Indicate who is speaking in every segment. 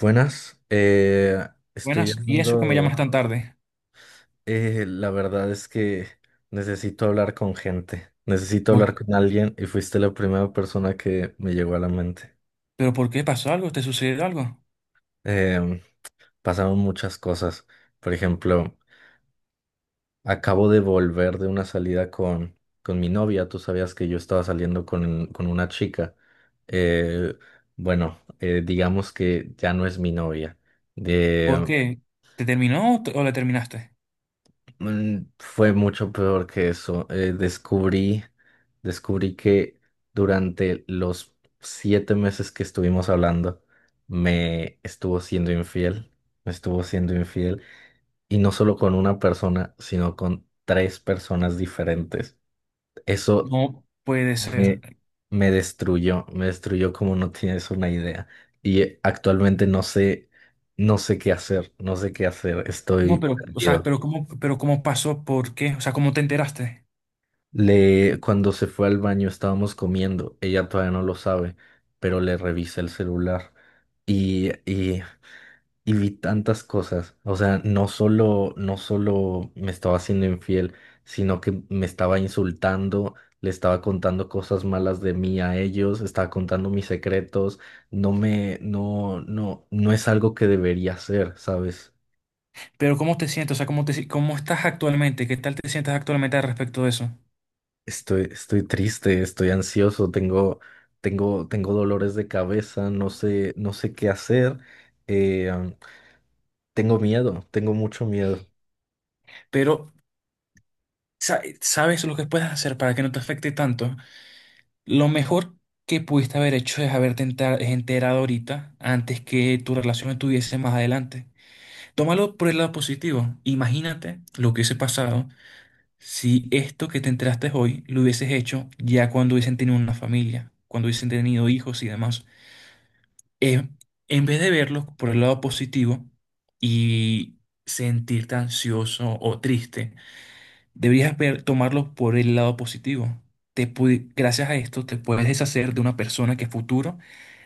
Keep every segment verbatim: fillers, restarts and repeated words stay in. Speaker 1: Buenas, eh, estoy
Speaker 2: Buenas, ¿y eso que me
Speaker 1: llamando.
Speaker 2: llamas tan tarde?
Speaker 1: Eh, la verdad es que necesito hablar con gente, necesito hablar
Speaker 2: Por-
Speaker 1: con alguien y fuiste la primera persona que me llegó a la mente.
Speaker 2: ¿Pero por qué pasó algo? ¿Te sucedió algo?
Speaker 1: Em, Pasaron muchas cosas. Por ejemplo, acabo de volver de una salida con, con mi novia. Tú sabías que yo estaba saliendo con, con una chica. Eh, bueno, eh, digamos que ya no es mi novia.
Speaker 2: ¿Por qué? ¿Te terminó o, te- o la terminaste?
Speaker 1: Mm, Fue mucho peor que eso. Eh, descubrí, descubrí que durante los siete meses que estuvimos hablando, me estuvo siendo infiel, me estuvo siendo infiel, y no solo con una persona, sino con tres personas diferentes. Eso
Speaker 2: No puede ser.
Speaker 1: me, me destruyó, me destruyó como no tienes una idea. Y eh, actualmente no sé, no sé qué hacer, no sé qué hacer,
Speaker 2: No,
Speaker 1: estoy
Speaker 2: pero, o sea,
Speaker 1: perdido.
Speaker 2: pero cómo, pero cómo pasó, ¿por qué? O sea, ¿cómo te enteraste?
Speaker 1: Le, cuando se fue al baño estábamos comiendo, ella todavía no lo sabe, pero le revisé el celular y, y, y vi tantas cosas. O sea, no solo, no solo me estaba haciendo infiel, sino que me estaba insultando, le estaba contando cosas malas de mí a ellos, estaba contando mis secretos. No me, no, no, no es algo que debería hacer, ¿sabes?
Speaker 2: Pero ¿cómo te sientes? O sea, ¿cómo te, si- cómo estás actualmente? ¿Qué tal te sientes actualmente al respecto de eso?
Speaker 1: Estoy, estoy triste, estoy ansioso, tengo, tengo, tengo dolores de cabeza, no sé, no sé qué hacer, eh, tengo miedo, tengo mucho miedo.
Speaker 2: Pero, sa- ¿sabes lo que puedes hacer para que no te afecte tanto? Lo mejor que pudiste haber hecho es haberte enter- enterado ahorita antes que tu relación estuviese más adelante. Tómalo por el lado positivo. Imagínate lo que hubiese pasado si esto que te enteraste hoy lo hubieses hecho ya cuando hubiesen tenido una familia, cuando hubiesen tenido hijos y demás. Eh, en vez de verlo por el lado positivo y sentirte ansioso o triste, deberías ver- tomarlo por el lado positivo. Te pu- gracias a esto te puedes deshacer de una persona que a futuro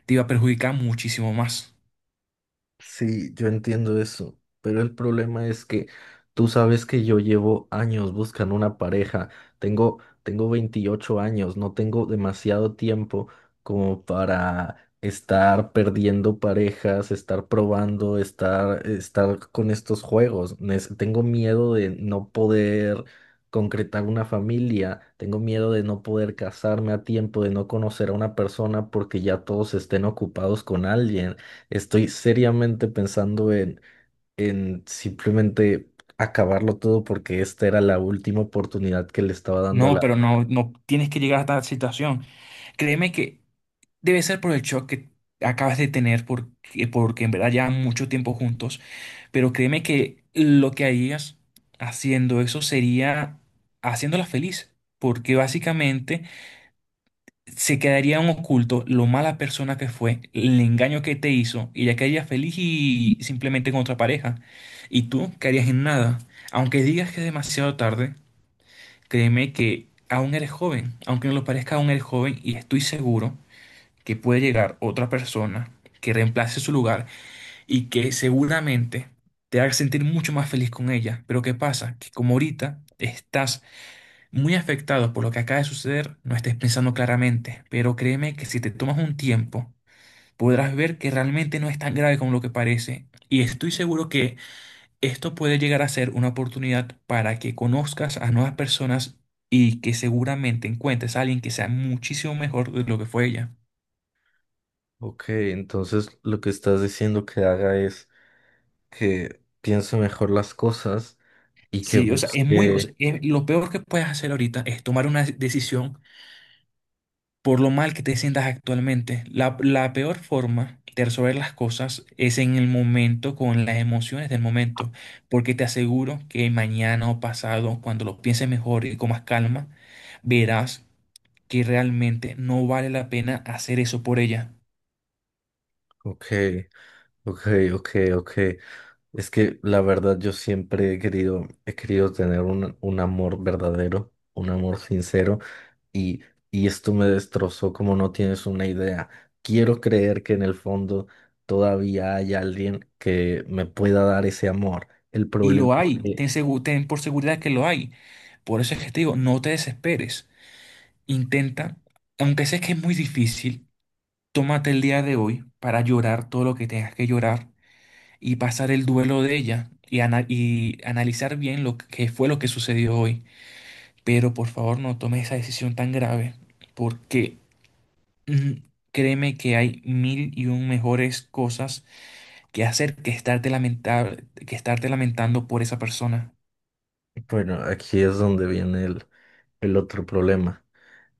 Speaker 2: te iba a perjudicar muchísimo más.
Speaker 1: Sí, yo entiendo eso, pero el problema es que tú sabes que yo llevo años buscando una pareja, tengo, tengo veintiocho años, no tengo demasiado tiempo como para estar perdiendo parejas, estar probando, estar, estar con estos juegos. Nes- tengo miedo de no poder concretar una familia, tengo miedo de no poder casarme a tiempo, de no conocer a una persona porque ya todos estén ocupados con alguien. Estoy seriamente pensando en, en simplemente acabarlo todo porque esta era la última oportunidad que le estaba dando a
Speaker 2: No,
Speaker 1: la...
Speaker 2: pero no, no tienes que llegar a esta situación. Créeme que debe ser por el shock que acabas de tener, porque, porque en verdad ya mucho tiempo juntos, pero créeme que lo que harías haciendo eso sería haciéndola feliz, porque básicamente se quedaría en oculto lo mala persona que fue, el engaño que te hizo, y ella quedaría feliz y simplemente con otra pareja, y tú quedarías en nada. Aunque digas que es demasiado tarde, créeme que aún eres joven, aunque no lo parezca, aún eres joven, y estoy seguro que puede llegar otra persona que reemplace su lugar y que seguramente te haga sentir mucho más feliz con ella. Pero ¿qué pasa? Que como ahorita estás muy afectado por lo que acaba de suceder, no estés pensando claramente. Pero créeme que si te tomas un tiempo, podrás ver que realmente no es tan grave como lo que parece. Y estoy seguro que esto puede llegar a ser una oportunidad para que conozcas a nuevas personas y que seguramente encuentres a alguien que sea muchísimo mejor de lo que fue ella.
Speaker 1: Ok, entonces lo que estás diciendo que haga es que piense mejor las cosas y que
Speaker 2: Sí, o sea, es muy, o
Speaker 1: busque...
Speaker 2: sea, es- lo peor que puedes hacer ahorita es tomar una decisión por lo mal que te sientas actualmente. La, la peor forma de resolver las cosas es en el momento, con las emociones del momento, porque te aseguro que mañana o pasado, cuando lo pienses mejor y con más calma, verás que realmente no vale la pena hacer eso por ella.
Speaker 1: Ok, ok, ok, ok. Es que la verdad yo siempre he querido, he querido tener un, un amor verdadero, un amor sincero. Y, y esto me destrozó como no tienes una idea. Quiero creer que en el fondo todavía hay alguien que me pueda dar ese amor. El
Speaker 2: Y
Speaker 1: problema
Speaker 2: lo
Speaker 1: es
Speaker 2: hay,
Speaker 1: que,
Speaker 2: ten, segu- ten por seguridad que lo hay. Por eso es que te digo, no te desesperes. Intenta, aunque sé que es muy difícil. Tómate el día de hoy para llorar todo lo que tengas que llorar y pasar el duelo de ella y, ana- y analizar bien lo que fue lo que sucedió hoy. Pero por favor no tomes esa decisión tan grave porque mm, créeme que hay mil y un mejores cosas que hacer que estarte lamenta- que estarte lamentando por esa persona.
Speaker 1: bueno, aquí es donde viene el, el otro problema.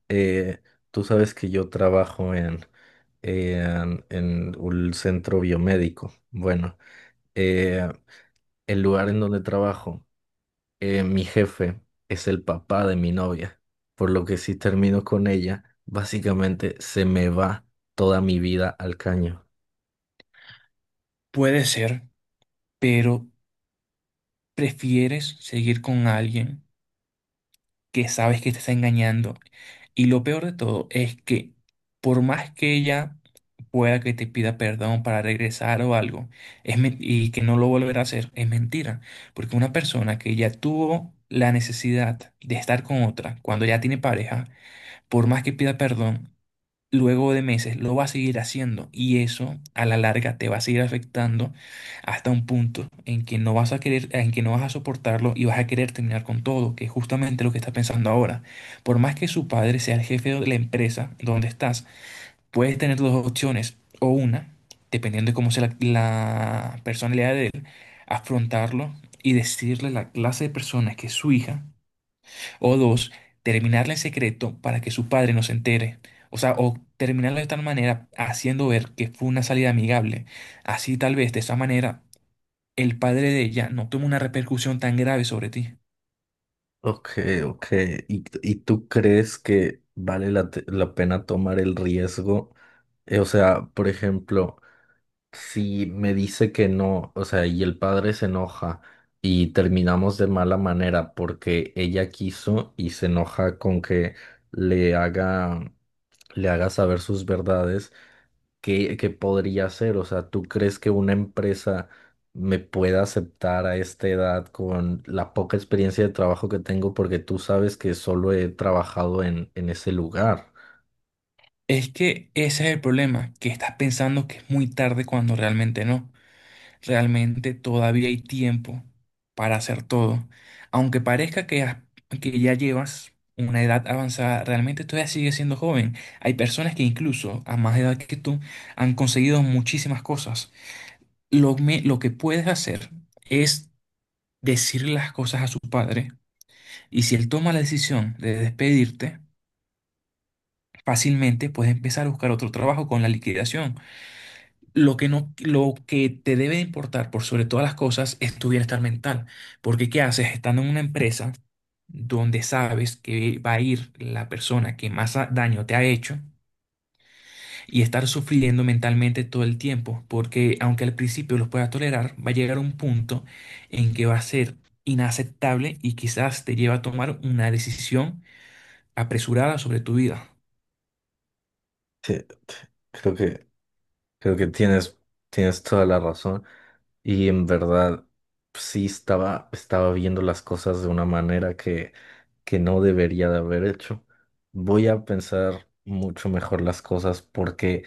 Speaker 1: Eh, tú sabes que yo trabajo en, en, en un centro biomédico. Bueno, eh, el lugar en donde trabajo. Eh, mi jefe es el papá de mi novia, por lo que si termino con ella, básicamente se me va toda mi vida al caño.
Speaker 2: Puede ser, pero prefieres seguir con alguien que sabes que te está engañando. Y lo peor de todo es que por más que ella pueda que te pida perdón para regresar o algo, es men- y que no lo volverá a hacer, es mentira. Porque una persona que ya tuvo la necesidad de estar con otra cuando ya tiene pareja, por más que pida perdón, luego de meses lo va a seguir haciendo y eso a la larga te va a seguir afectando hasta un punto en que no vas a querer, en que no vas a soportarlo y vas a querer terminar con todo, que es justamente lo que está pensando ahora. Por más que su padre sea el jefe de la empresa donde estás, puedes tener dos opciones o una, dependiendo de cómo sea la, la personalidad de él, afrontarlo y decirle la clase de personas que es su hija o dos, terminarla en secreto para que su padre no se entere. O sea, o terminarla de tal manera haciendo ver que fue una salida amigable. Así tal vez de esa manera el padre de ella no toma una repercusión tan grave sobre ti.
Speaker 1: Ok, ok. ¿Y, y tú crees que vale la, te- la pena tomar el riesgo? Eh, o sea, por ejemplo, si me dice que no, o sea, y el padre se enoja y terminamos de mala manera porque ella quiso y se enoja con que le haga, le haga saber sus verdades. ¿Qué, qué podría hacer? O sea, ¿tú crees que una empresa me pueda aceptar a esta edad con la poca experiencia de trabajo que tengo? Porque tú sabes que solo he trabajado en, en ese lugar.
Speaker 2: Es que ese es el problema, que estás pensando que es muy tarde cuando realmente no. Realmente todavía hay tiempo para hacer todo. Aunque parezca que, has- que ya llevas una edad avanzada, realmente todavía sigues siendo joven. Hay personas que incluso a más edad que tú han conseguido muchísimas cosas. Lo, me- lo que puedes hacer es decirle las cosas a su padre y si él toma la decisión de despedirte, fácilmente puedes empezar a buscar otro trabajo con la liquidación. Lo que no, lo que te debe importar por sobre todas las cosas es tu bienestar mental. Porque ¿qué haces estando en una empresa donde sabes que va a ir la persona que más a- daño te ha hecho y estar sufriendo mentalmente todo el tiempo? Porque aunque al principio los puedas tolerar, va a llegar un punto en que va a ser inaceptable y quizás te lleva a tomar una decisión apresurada sobre tu vida.
Speaker 1: Sí, creo que, creo que tienes, tienes toda la razón. Y en verdad, sí estaba, estaba viendo las cosas de una manera que, que no debería de haber hecho. Voy a pensar mucho mejor las cosas porque...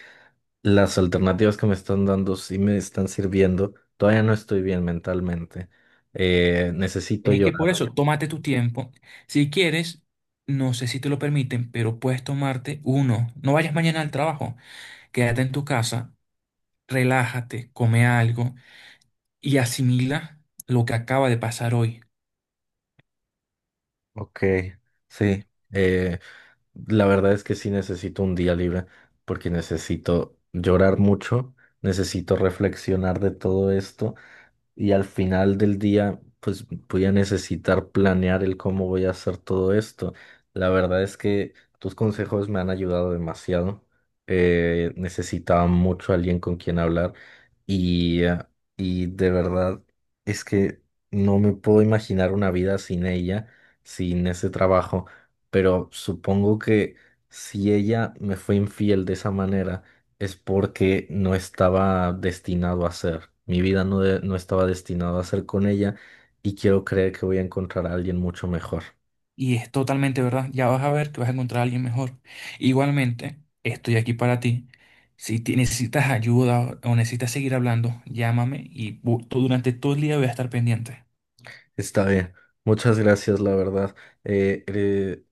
Speaker 1: Las alternativas que me están dando sí me están sirviendo. Todavía no estoy bien mentalmente. Eh, necesito
Speaker 2: Es que
Speaker 1: llorar.
Speaker 2: por eso, tómate tu tiempo. Si quieres, no sé si te lo permiten, pero puedes tomarte uno. No vayas mañana al trabajo. Quédate en tu casa, relájate, come algo y asimila lo que acaba de pasar hoy.
Speaker 1: Ok, sí. Eh, la verdad es que sí necesito un día libre porque necesito llorar mucho, necesito reflexionar de todo esto. Y al final del día, pues voy a necesitar planear el cómo voy a hacer todo esto. La verdad es que tus consejos me han ayudado demasiado. Eh, necesitaba mucho alguien con quien hablar y, eh, y de verdad es que no me puedo imaginar una vida sin ella, sin ese trabajo. Pero supongo que si ella me fue infiel de esa manera, es porque no estaba destinado a ser. Mi vida no, de- No estaba destinado a ser con ella y quiero creer que voy a encontrar a alguien mucho mejor.
Speaker 2: Y es totalmente verdad. Ya vas a ver que vas a encontrar a alguien mejor. Igualmente, estoy aquí para ti. Si te- necesitas ayuda o o necesitas seguir hablando, llámame y bu- tú- durante todo el día voy a estar pendiente.
Speaker 1: Está bien. Muchas gracias, la verdad. Eh, eh,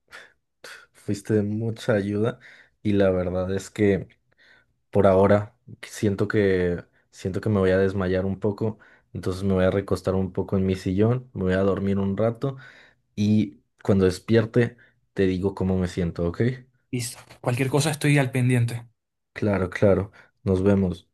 Speaker 1: fuiste de mucha ayuda y la verdad es que por ahora siento que siento que me voy a desmayar un poco, entonces me voy a recostar un poco en mi sillón, me voy a dormir un rato y cuando despierte te digo cómo me siento, ¿ok?
Speaker 2: Listo. Cualquier cosa estoy al pendiente.
Speaker 1: Claro, claro. Nos vemos.